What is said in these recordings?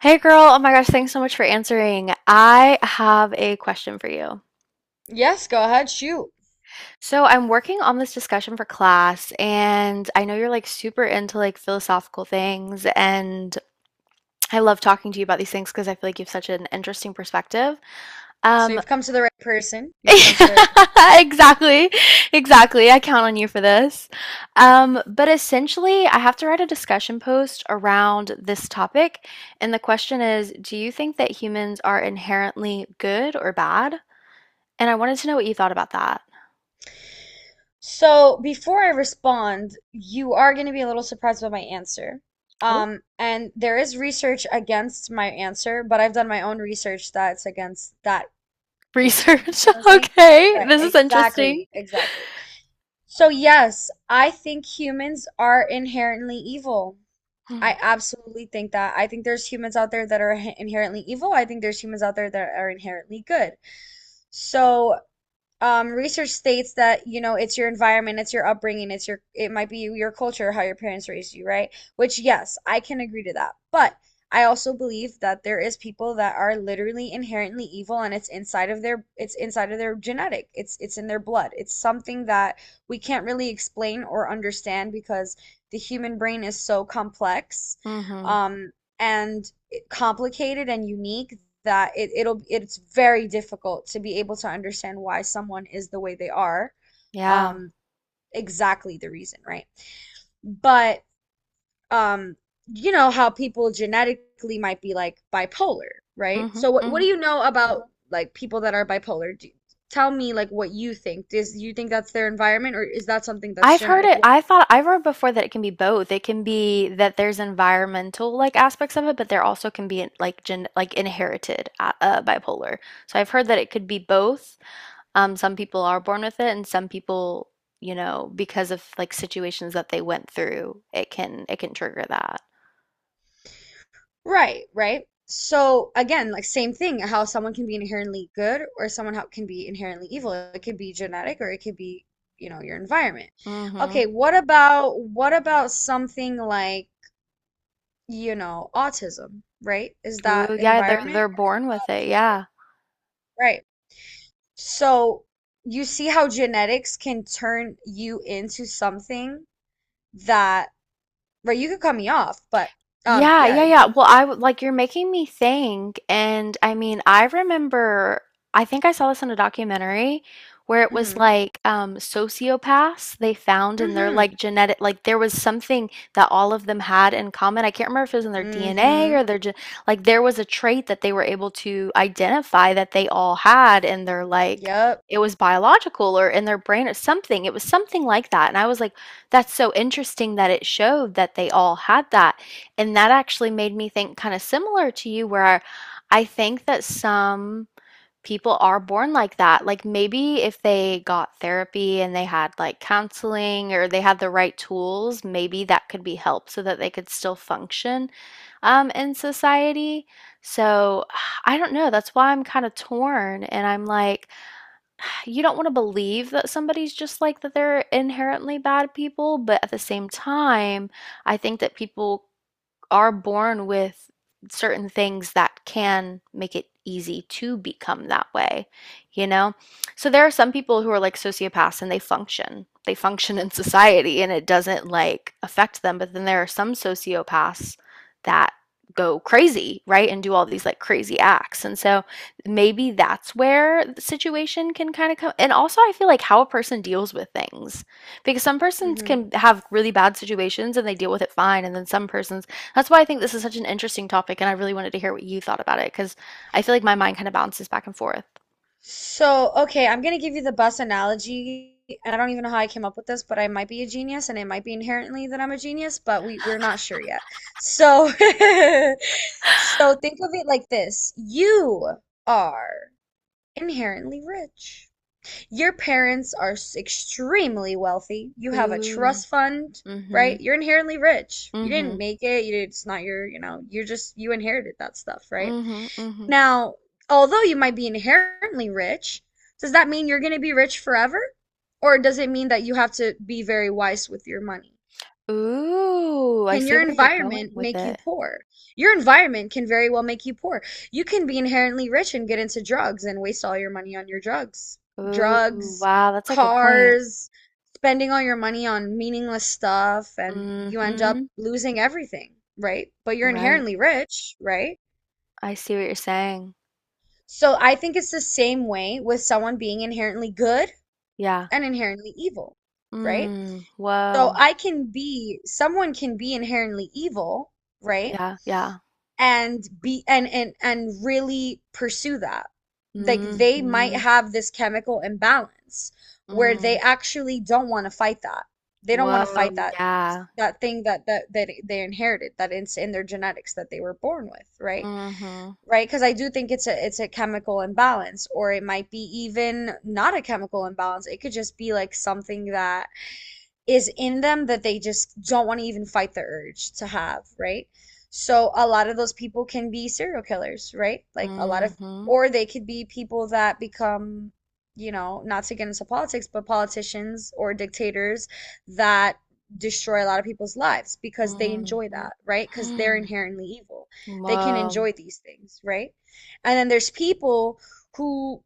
Hey girl, oh my gosh, thanks so much for answering. I have a question for you. Yes, go ahead, shoot. So, I'm working on this discussion for class, and I know you're like super into like philosophical things, and I love talking to you about these things because I feel like you have such an interesting perspective. So Um, you've come to the right person. Exactly, exactly. I count on you for this. But essentially, I have to write a discussion post around this topic, and the question is, do you think that humans are inherently good or bad? And I wanted to know what you thought about that. So before I respond, you are going to be a little surprised by my answer. Oh, And there is research against my answer, but I've done my own research that's against that answer. You research. get what I'm saying? Okay, Right, this is interesting. exactly, exactly. So yes, I think humans are inherently evil. I absolutely think that. I think there's humans out there that are inherently evil. I think there's humans out there that are inherently good. So research states that, it's your environment, it's your upbringing, it might be your culture, how your parents raised you, right? Which, yes, I can agree to that. But I also believe that there is people that are literally inherently evil and it's inside of their genetic. It's in their blood. It's something that we can't really explain or understand because the human brain is so complex, Mm-hmm. um, and complicated and unique that it's very difficult to be able to understand why someone is the way they are. Yeah. Um, exactly the reason, right? But um, you know how people genetically might be like bipolar, right? Mm-hmm. So what do Mm-hmm. you know about like people that are bipolar? Tell me like what you think. Is you think that's their environment or is that something that's I've heard genetic? it. I thought I've heard before that it can be both. It can be that there's environmental like aspects of it, but there also can be like gen like inherited bipolar. So I've heard that it could be both. Some people are born with it, and some people, you know, because of like situations that they went through, it can trigger that. Right, right. So again, like same thing, how someone can be inherently good or someone how can be inherently evil. It could be genetic or it could be, you know, your environment. Mm-hmm. Okay, what about something like, you know, autism, right? Is that Ooh, yeah, they're environment they're born or with not it. genetic? Yeah. Right. So you see how genetics can turn you into something that, right, you could cut me off, but Yeah, yeah, yeah, you yeah. could, Well, like you're making me think, and I mean, I remember I think I saw this in a documentary where it was mm-hmm. like sociopaths, they found in their Mm-hmm. like genetic, like there was something that all of them had in common. I can't remember if it was in their DNA Mm-hmm. or their ge- like there was a trait that they were able to identify that they all had in their like Yep. it was biological or in their brain or something. It was something like that. And I was like, that's so interesting that it showed that they all had that. And that actually made me think kind of similar to you, where I think that some people are born like that. Like maybe if they got therapy and they had like counseling or they had the right tools, maybe that could be help so that they could still function in society. So I don't know. That's why I'm kind of torn. And I'm like, you don't want to believe that somebody's just like that, they're inherently bad people. But at the same time, I think that people are born with certain things that can make it easy to become that way, you know? So there are some people who are like sociopaths and they function. They function in society and it doesn't like affect them. But then there are some sociopaths that go crazy, right? And do all these like crazy acts. And so maybe that's where the situation can kind of come. And also, I feel like how a person deals with things, because some persons Hmm. can have really bad situations and they deal with it fine. And then some persons, that's why I think this is such an interesting topic, and I really wanted to hear what you thought about it because I feel like my mind kind of bounces back and forth. So, okay, I'm gonna give you the bus analogy, and I don't even know how I came up with this, but I might be a genius, and it might be inherently that I'm a genius, but we're not sure yet. So, so think of it like this: you are inherently rich. Your parents are extremely wealthy. You have a Ooh. trust fund, Mm-hmm. right? You're inherently rich. You Mm-hmm. didn't make it. You, it's not your, you know, you're just you inherited that stuff, right? Mm-hmm. Mm-hmm. Now, although you might be inherently rich, does that mean you're going to be rich forever? Or does it mean that you have to be very wise with your money? Ooh, I Can see your where you're going environment with make you it. poor? Your environment can very well make you poor. You can be inherently rich and get into drugs and waste all your money on your drugs. Ooh, Drugs, wow, that's a good point. cars, spending all your money on meaningless stuff, and you end up Mm-hmm. losing everything, right? But you're Right. inherently rich, right? I see what you're saying. So I think it's the same way with someone being inherently good Yeah. and inherently evil, right? Mm. So Whoa. Someone can be inherently evil, right? Yeah, yeah. And be and really pursue that. Like they might Mm-hmm. have this chemical imbalance where they Mm. actually don't want to fight that. They don't want to Whoa, fight that yeah. that thing that they inherited, that it's in their genetics that they were born with, right? Mm-hmm. Right? Because I do think it's a chemical imbalance, or it might be even not a chemical imbalance. It could just be like something that is in them that they just don't want to even fight the urge to have, right? So a lot of those people can be serial killers, right? Mm-hmm. Or they could be people that become, you know, not to get into politics, but politicians or dictators that destroy a lot of people's lives because they enjoy Mm-hmm. that, right? Because they're inherently evil. They can Wow. enjoy these things, right? And then there's people who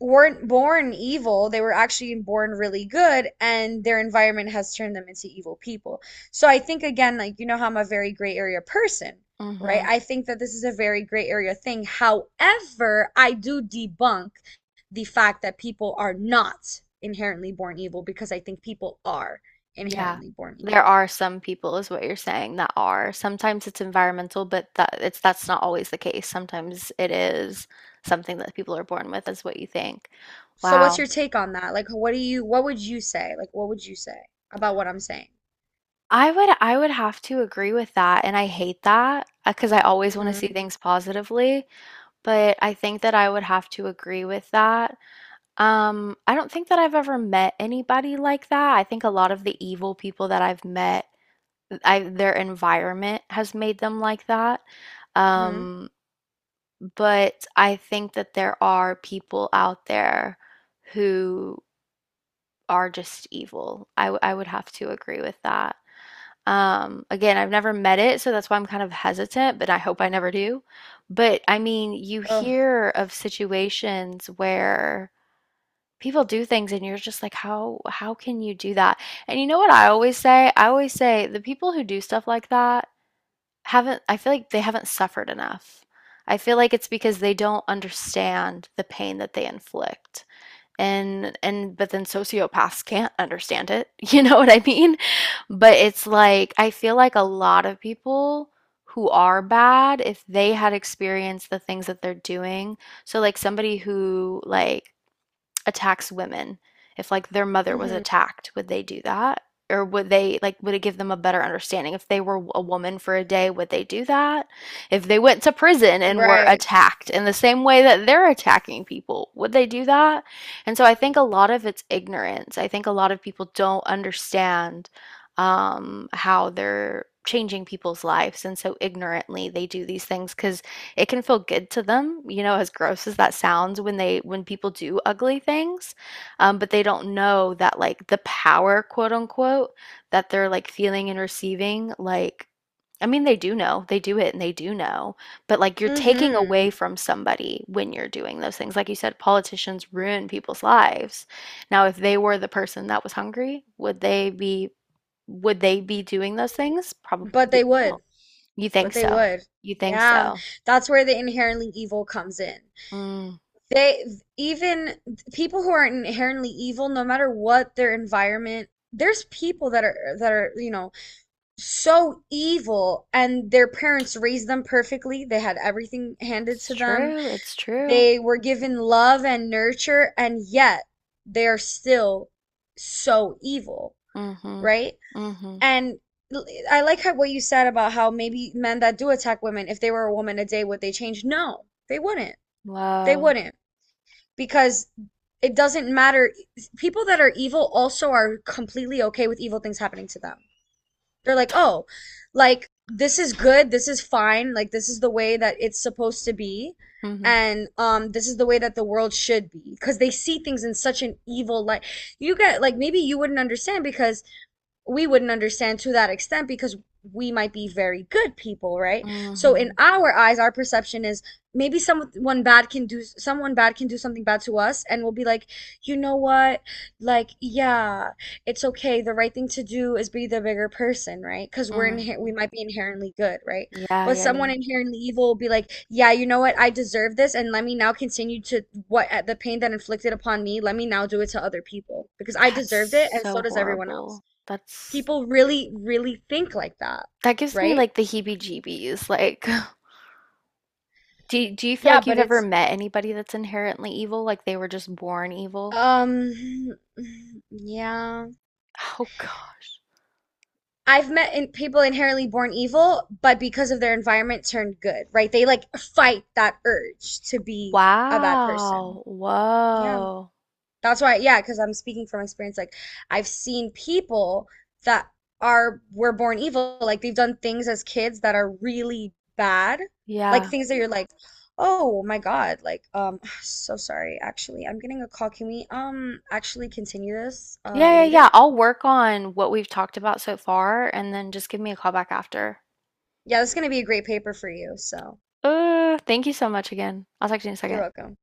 weren't born evil. They were actually born really good and their environment has turned them into evil people. So I think again, like, you know how I'm a very gray area person, right? Mhm. I think that this is a very gray area thing. However, I do debunk the fact that people are not inherently born evil because I think people are Yeah. inherently born There evil. are some people, is what you're saying, that are. Sometimes it's environmental, but that it's that's not always the case. Sometimes it is something that people are born with, is what you think. So what's Wow. your take on that? Like, what would you say, like what would you say about what I'm saying? I would have to agree with that, and I hate that because I always want to see Mm-hmm things positively, but I think that I would have to agree with that. I don't think that I've ever met anybody like that. I think a lot of the evil people that I've met, I their environment has made them like that. mm-hmm Um, but I think that there are people out there who are just evil. I would have to agree with that. Again, I've never met it, so that's why I'm kind of hesitant, but I hope I never do. But I mean, you oh. hear of situations where people do things and you're just like, how can you do that? And you know what I always say? I always say the people who do stuff like that haven't, I feel like they haven't suffered enough. I feel like it's because they don't understand the pain that they inflict. And but then sociopaths can't understand it. You know what I mean? But it's like I feel like a lot of people who are bad, if they had experienced the things that they're doing. So like somebody who like attacks women, if like their mother was mm-hmm attacked, would they do that? Or would they like, would it give them a better understanding if they were a woman for a day, would they do that? If they went to prison and were right. attacked in the same way that they're attacking people, would they do that? And so I think a lot of it's ignorance. I think a lot of people don't understand how they're changing people's lives, and so ignorantly they do these things because it can feel good to them, you know, as gross as that sounds, when they when people do ugly things, but they don't know that like the power, quote unquote, that they're like feeling and receiving, like I mean, they do know, they do it and they do know, but like you're taking away Hmm. from somebody when you're doing those things. Like you said, politicians ruin people's lives. Now, if they were the person that was hungry, would they be doing those things? Probably But they no. would. You But think they so? would. You think Yeah. so? That's where the inherently evil comes in. Mm. They even people who are inherently evil, no matter what their environment, there's people that are you know, so evil and their parents raised them perfectly. They had everything handed It's to them. true, it's true. They were given love and nurture, and yet they are still so evil, Mhm. right? Mhm. And I like how what you said about how maybe men that do attack women, if they were a woman today, would they change? No, they wouldn't. They Wow. wouldn't because it doesn't matter. People that are evil also are completely okay with evil things happening to them. They're like, oh, like this is good, this is fine, like this is the way that it's supposed to be. Mhm. And this is the way that the world should be because they see things in such an evil light. You get like maybe you wouldn't understand because we wouldn't understand to that extent because we might be very good people, right? So in Mhm. our eyes, our perception is maybe someone bad can do someone bad can do something bad to us, and we'll be like, you know what? Like, yeah, it's okay. The right thing to do is be the bigger person, right? Because we Mhm. might be inherently good, right? Yeah, But yeah, someone yeah. inherently evil will be like, yeah, you know what? I deserve this, and let me now continue to what at the pain that inflicted upon me. Let me now do it to other people because I That's deserved it, and so so does everyone else. horrible. That's, People really, really think like that, that gives me right? like the heebie-jeebies. Like, do you feel Yeah, like you've but ever it's met anybody that's inherently evil? Like they were just born evil? um yeah. Oh God. I've met in people inherently born evil, but because of their environment turned good, right? They like fight that urge to be a bad person. Wow. Yeah. Whoa. That's why, yeah, because I'm speaking from experience. Like, I've seen people that are were born evil. Like, they've done things as kids that are really bad. Like Yeah. things that you're like, oh my God. Like, so sorry. Actually, I'm getting a call. Can we actually continue this Yeah, yeah, yeah. later? I'll work on what we've talked about so far and then just give me a call back after. Yeah, this is gonna be a great paper for you. So Thank you so much again. I'll talk to you in a you're second. welcome.